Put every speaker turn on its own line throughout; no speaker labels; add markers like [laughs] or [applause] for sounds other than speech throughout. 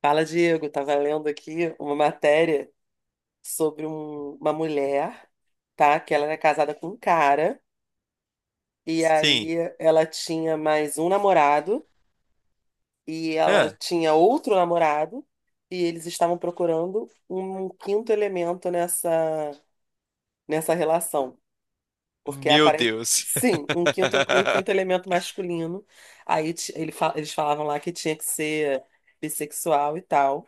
Fala, Diego. Estava lendo aqui uma matéria sobre uma mulher, tá? Que ela era casada com um cara, e
Sim.
aí ela tinha mais um namorado, e ela
Ah,
tinha outro namorado, e eles estavam procurando um quinto elemento nessa relação. Porque
meu
aparentemente.
Deus. [laughs]
Sim, um quinto elemento masculino. Aí eles falavam lá que tinha que ser bissexual e tal.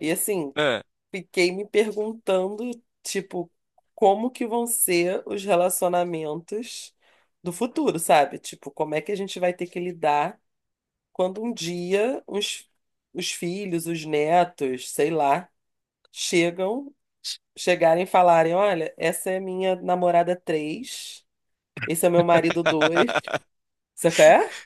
E assim.
Ah.
Fiquei me perguntando, tipo, como que vão ser os relacionamentos do futuro, sabe? Tipo, como é que a gente vai ter que lidar quando um dia os filhos, os netos, sei lá, chegam, chegarem e falarem, olha, essa é minha namorada 3, esse é meu marido 2,
[laughs]
você quer?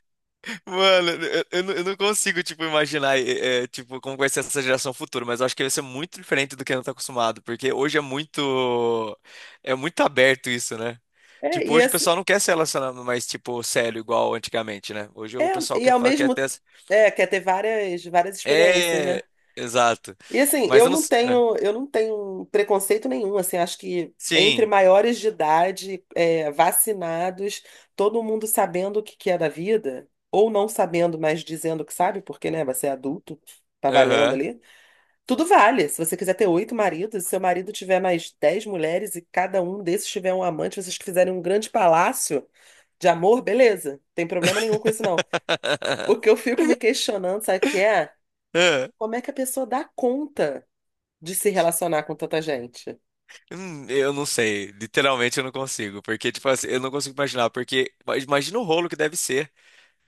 Mano, eu não consigo, tipo, imaginar, tipo, como vai ser essa geração futura, mas eu acho que vai ser muito diferente do que a gente tá acostumado, porque hoje é muito aberto isso, né?
É, É,
Tipo,
e,
hoje o
esse,
pessoal não quer se relacionar mais, tipo, sério, igual antigamente, né? Hoje o
é,
pessoal
e
quer,
ao
fa- quer
mesmo
ter.
é, quer ter várias experiências, né?
É, exato.
E assim,
Mas
eu
eu não.
não tenho, eu não tenho preconceito nenhum, assim, acho que entre
Sim,
maiores de idade, é, vacinados, todo mundo sabendo o que que é da vida, ou não sabendo, mas dizendo que sabe, porque, né, você é adulto, tá valendo
aham.
ali. Tudo vale. Se você quiser ter oito maridos, se seu marido tiver mais 10 mulheres e cada um desses tiver um amante, vocês fizerem um grande palácio de amor, beleza. Tem problema nenhum com isso, não. O que
[laughs]
eu fico me questionando, sabe o que é?
Ah.
Como é que a pessoa dá conta? De se relacionar com tanta gente.
Eu não sei, literalmente eu não consigo, porque, tipo assim, eu não consigo imaginar, porque mas imagina o rolo que deve ser.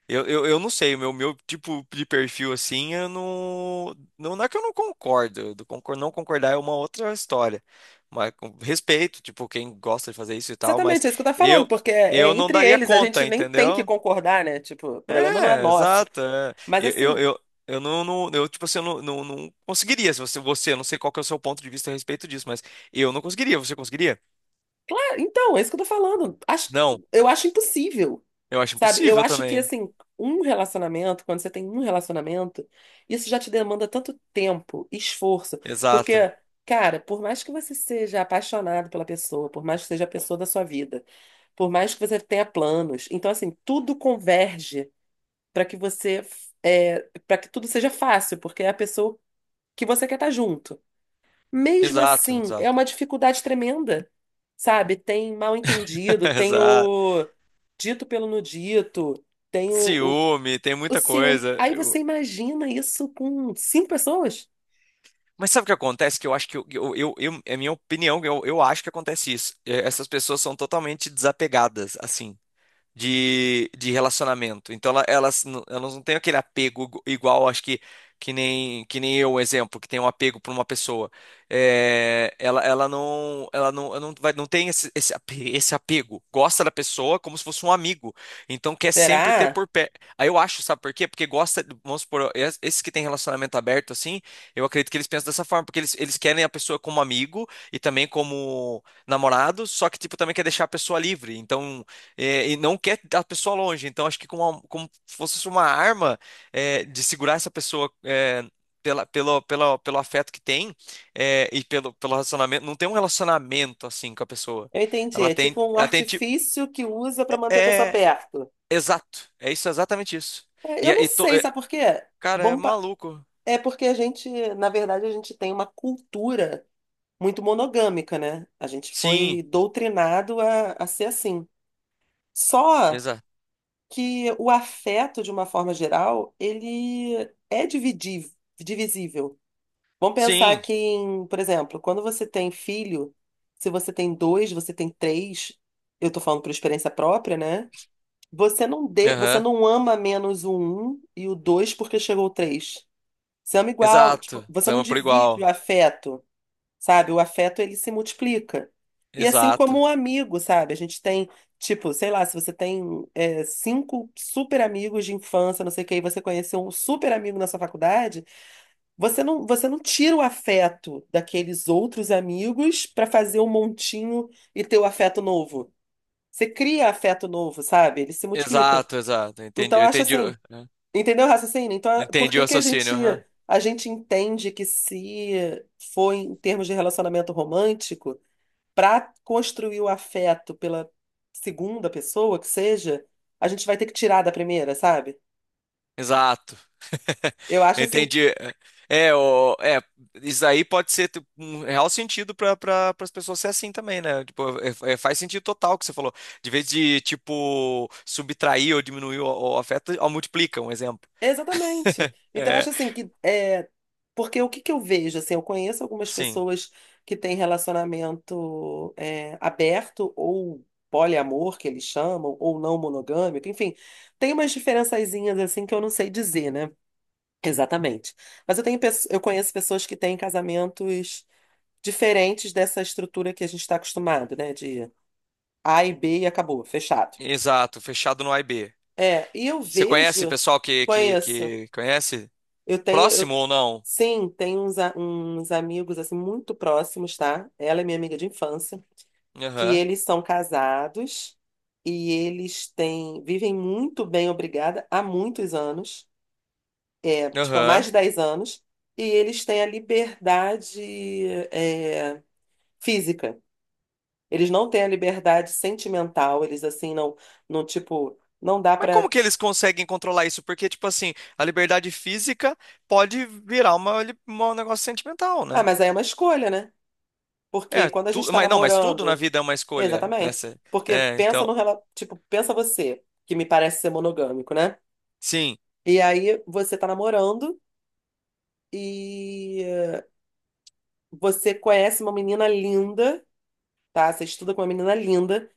Eu não sei, o meu tipo de perfil assim, eu não, não. Não é que eu não concordo, eu não concordar é uma outra história. Mas com respeito, tipo, quem gosta de fazer isso e tal, mas
Exatamente, é isso que eu tô falando,
eu,
porque é,
eu
é
não
entre
daria
eles, a
conta,
gente nem tem que
entendeu?
concordar, né? Tipo, o problema não é
É,
nosso.
exato. É.
Mas
Eu, eu,
assim,
eu, eu tipo assim, eu não conseguiria. Se você, você, eu não sei qual que é o seu ponto de vista a respeito disso, mas eu não conseguiria, você conseguiria?
é, então, é isso que eu tô falando.
Não,
Eu acho impossível,
eu acho
sabe? Eu
impossível
acho que,
também.
assim, um relacionamento, quando você tem um relacionamento, isso já te demanda tanto tempo, esforço. Porque,
Exato.
cara, por mais que você seja apaixonado pela pessoa, por mais que seja a pessoa da sua vida, por mais que você tenha planos, então, assim, tudo converge para que você é, para que tudo seja fácil, porque é a pessoa que você quer estar junto. Mesmo
Exato,
assim, é
exato.
uma dificuldade tremenda, sabe? Tem mal
[laughs]
entendido, tem
Exato.
o dito pelo no dito, tem o,
Ciúme, tem muita
ciúme.
coisa.
Aí você imagina isso com cinco pessoas?
Mas sabe o que acontece? Que eu acho que é minha opinião, eu acho que acontece isso. Essas pessoas são totalmente desapegadas, assim, de relacionamento. Então elas não têm aquele apego igual, acho que que nem eu, um exemplo, que tem um apego por uma pessoa. Ela não tem esse esse apego. Gosta da pessoa como se fosse um amigo. Então quer sempre ter
Será?
por pé. Aí eu acho, sabe por quê? Porque gosta, vamos supor, esses que têm relacionamento aberto assim, eu acredito que eles pensam dessa forma, porque eles querem a pessoa como amigo e também como namorado, só que tipo também quer deixar a pessoa livre. Então, e não quer a pessoa longe. Então, acho que com como fosse uma arma, de segurar essa pessoa, pelo afeto que tem, e pelo relacionamento. Não tem um relacionamento assim com a pessoa.
Eu entendi.
Ela
É
tem,
tipo um
ela tem tipo,
artifício que usa para manter a pessoa
é
perto.
exato. É isso, é exatamente isso.
É,
E,
eu
é,
não
e to-
sei,
é,
sabe por quê?
Cara, é
Vamos pa-
maluco.
É porque a gente, na verdade, a gente tem uma cultura muito monogâmica, né? A gente
Sim,
foi doutrinado a ser assim. Só
exato.
que o afeto, de uma forma geral, ele é divisível. Vamos pensar
Sim,
que, por exemplo, quando você tem filho, se você tem dois, você tem três, eu tô falando por experiência própria, né? Você
aham,
não ama menos o um e o dois porque chegou o três. Você ama igual, tipo,
exato.
você não
Zama por
divide o
igual.
afeto, sabe? O afeto ele se multiplica. E assim
Exato.
como o amigo, sabe? A gente tem, tipo, sei lá, se você tem é, cinco super amigos de infância, não sei o que e você conheceu um super amigo na sua faculdade, você não tira o afeto daqueles outros amigos para fazer um montinho e ter o afeto novo. Você cria afeto novo, sabe? Ele se multiplica.
Exato, exato. Entendi,
Então,
eu
eu acho
entendi, o-
assim. Entendeu o raciocínio? Então, por
entendi o
que que
raciocínio. Aham.
a gente entende que se for em termos de relacionamento romântico, para construir o afeto pela segunda pessoa que seja, a gente vai ter que tirar da primeira, sabe?
Exato. [laughs]
Eu acho assim.
Entendi. É, o, é, isso aí pode ser tipo, um real sentido pras pessoas ser assim também, né? Tipo, faz sentido total o que você falou. De vez de, tipo, subtrair ou diminuir o afeto, ó, multiplica, um exemplo.
Exatamente.
[laughs]
Então, eu
É,
acho assim que é porque o que que eu vejo assim, eu conheço algumas
sim,
pessoas que têm relacionamento é, aberto ou poliamor que eles chamam ou não monogâmico, enfim, tem umas diferençazinhas assim que eu não sei dizer, né? Exatamente. Eu conheço pessoas que têm casamentos diferentes dessa estrutura que a gente está acostumado, né? De A e B e acabou, fechado.
exato, fechado no A e B.
É, e eu
Você conhece
vejo,
pessoal
conheço.
que conhece?
Eu tenho.
Próximo ou não?
Sim, tem uns, uns amigos assim muito próximos, tá? Ela é minha amiga de infância, que
Aham,
eles são casados e eles têm vivem muito bem, obrigada, há muitos anos, é, tipo há mais
aham.
de 10 anos, e eles têm a liberdade é, física. Eles não têm a liberdade sentimental, eles assim não, não tipo, não dá
Mas como
pra.
que eles conseguem controlar isso? Porque, tipo assim, a liberdade física pode virar um negócio sentimental,
Ah,
né?
mas aí é uma escolha, né? Porque
É,
quando a gente tá
mas não, mas tudo na
namorando.
vida é uma escolha, né?
Exatamente.
Cê-
Porque
É,
pensa
então,
no rela- tipo, pensa você, que me parece ser monogâmico, né?
sim,
E aí você tá namorando e você conhece uma menina linda, tá? Você estuda com uma menina linda,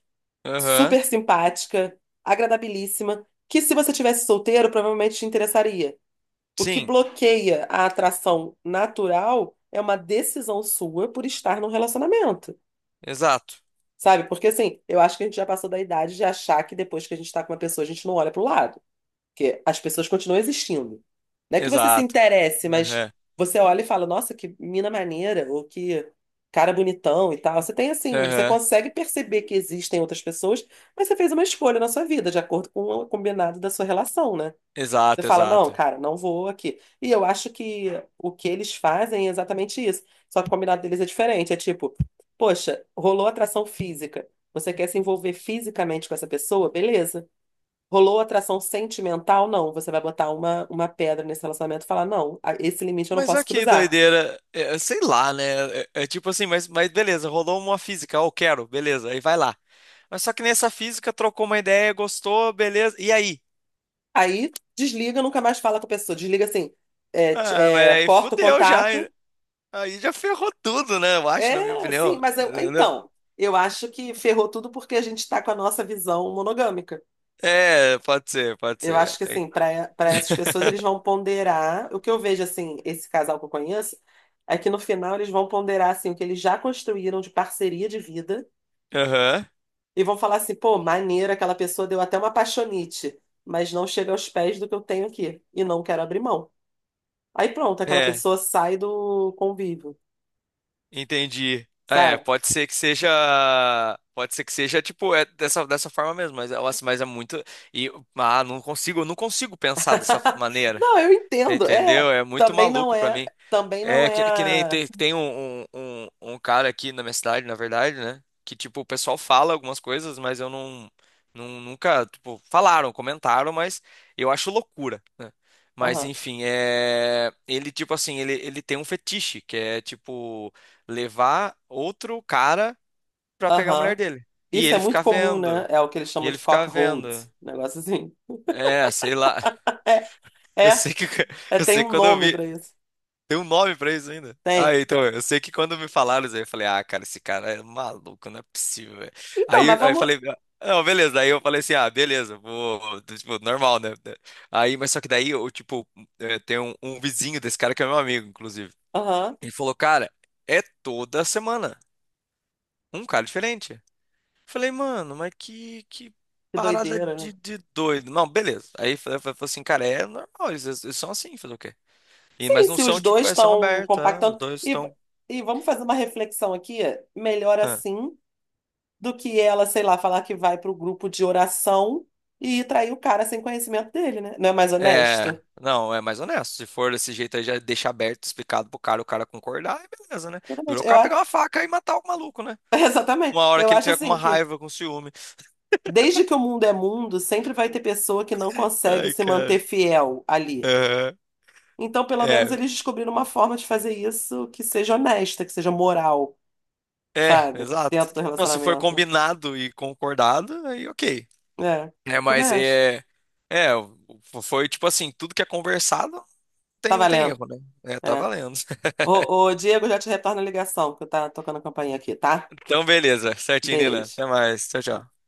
aham,
super simpática, agradabilíssima, que se você tivesse solteiro, provavelmente te interessaria. O que
sim,
bloqueia a atração natural é uma decisão sua por estar num relacionamento.
exato,
Sabe? Porque assim, eu acho que a gente já passou da idade de achar que depois que a gente tá com uma pessoa, a gente não olha pro lado. Porque as pessoas continuam existindo. Não é que você se
exato,
interesse, mas
aham,
você olha e fala, nossa, que mina maneira, ou que cara bonitão e tal. Você tem assim, você
aham,
consegue perceber que existem outras pessoas, mas você fez uma escolha na sua vida, de acordo com o combinado da sua relação, né? Você
exato,
fala, não,
exato.
cara, não vou aqui. E eu acho que o que eles fazem é exatamente isso. Só que o combinado deles é diferente. É tipo, poxa, rolou atração física. Você quer se envolver fisicamente com essa pessoa? Beleza. Rolou atração sentimental? Não. Você vai botar uma pedra nesse relacionamento e falar: não, esse limite eu não
Mas olha
posso
que
cruzar.
doideira, sei lá, né? É tipo assim, mas, beleza, rolou uma física, ó, eu quero, beleza, aí vai lá. Mas só que nessa física trocou uma ideia, gostou, beleza, e aí?
Aí desliga, nunca mais fala com a pessoa. Desliga assim,
Ah, mas aí
corta o
fudeu já,
contato.
hein? Aí já ferrou tudo, né? Eu acho, na minha
É, sim,
opinião. Entendeu?
então, eu acho que ferrou tudo porque a gente está com a nossa visão monogâmica.
É, pode ser, pode
Eu acho
ser.
que,
Tem.
assim, para essas pessoas, eles vão ponderar. O que eu vejo, assim, esse casal que eu conheço, é que no final eles vão ponderar, assim, o que eles já construíram de parceria de vida.
Aham.
E vão falar assim, pô, maneiro, aquela pessoa deu até uma apaixonite, mas não chega aos pés do que eu tenho aqui e não quero abrir mão. Aí pronto, aquela
É,
pessoa sai do convívio,
entendi. Ah, é,
sabe?
pode ser que seja. Pode ser que seja, tipo, é dessa forma mesmo, mas, nossa, mas é muito. E, eu não consigo pensar dessa
[laughs]
maneira.
Não, eu entendo. É,
Entendeu? É muito maluco pra mim.
também não
É
é.
que nem
a-
tem um cara aqui na minha cidade, na verdade, né? Que, tipo, o pessoal fala algumas coisas, mas eu não nunca, tipo, falaram, comentaram, mas eu acho loucura, né? Mas,
Aham,
enfim, ele, tipo assim, ele tem um fetiche, que é, tipo, levar outro cara pra pegar a mulher
aham.
dele. E
Isso é
ele ficar
muito comum, né?
vendo,
É o que eles
e
chamam
ele
de
ficar
cockhold,
vendo.
negócio assim.
É, sei lá. [laughs]
É,
Eu
é,
sei que, [laughs] eu
tem
sei
um
que quando eu
nome
vi.
pra isso.
Tem um nome pra isso ainda?
Tem.
Ah, então, eu sei que quando me falaram isso aí, eu falei, ah, cara, esse cara é maluco, não é possível, velho.
Então,
Aí,
mas
aí eu
vamos.
falei, ah, não, beleza. Aí eu falei assim, ah, beleza, vou, tipo, normal, né? Aí, mas só que daí, eu, tipo, tem um vizinho desse cara que é meu amigo, inclusive.
Aham,
Ele falou, cara, é toda semana, um cara diferente. Eu falei, mano, mas que
que
parada
doideira, né?
de doido. Não, beleza. Aí eu falei assim, cara, é normal, eles são assim, fazer o quê? E,
Sim,
mas não
se
são,
os
tipo,
dois
são
estão
abertos, os
compactando.
dois
E,
estão.
e vamos fazer uma reflexão aqui. Melhor
Ah,
assim do que ela, sei lá, falar que vai para o grupo de oração e trair o cara sem conhecimento dele, né? Não é mais
É,
honesto?
não, é mais honesto. Se for desse jeito aí, já deixa aberto, explicado pro cara, o cara concordar, e beleza, né? Durou
Exatamente.
o cara pegar uma faca e matar o maluco, né?
[laughs]
Uma
Exatamente.
hora
Eu
que ele
acho
tiver com uma
assim que,
raiva, com ciúme.
desde que o mundo é mundo, sempre vai ter pessoa que não consegue
Ai,
se manter
cara.
fiel ali.
Aham.
Então, pelo menos,
É,
eles descobriram uma forma de fazer isso que seja honesta, que seja moral, sabe?
exato.
Dentro do
Não, se for
relacionamento.
combinado e concordado, aí ok.
É,
É,
eu também
mas
acho.
é, o- foi tipo assim, tudo que é conversado,
Tá
não tem
valendo.
erro, né? É, tá
É.
valendo. [laughs]
Ô, ô, Diego, já te retorno a ligação, porque tá tocando a campainha aqui, tá?
Então, beleza. Certinho, Nina.
Beijo.
Até mais. Tchau, tchau.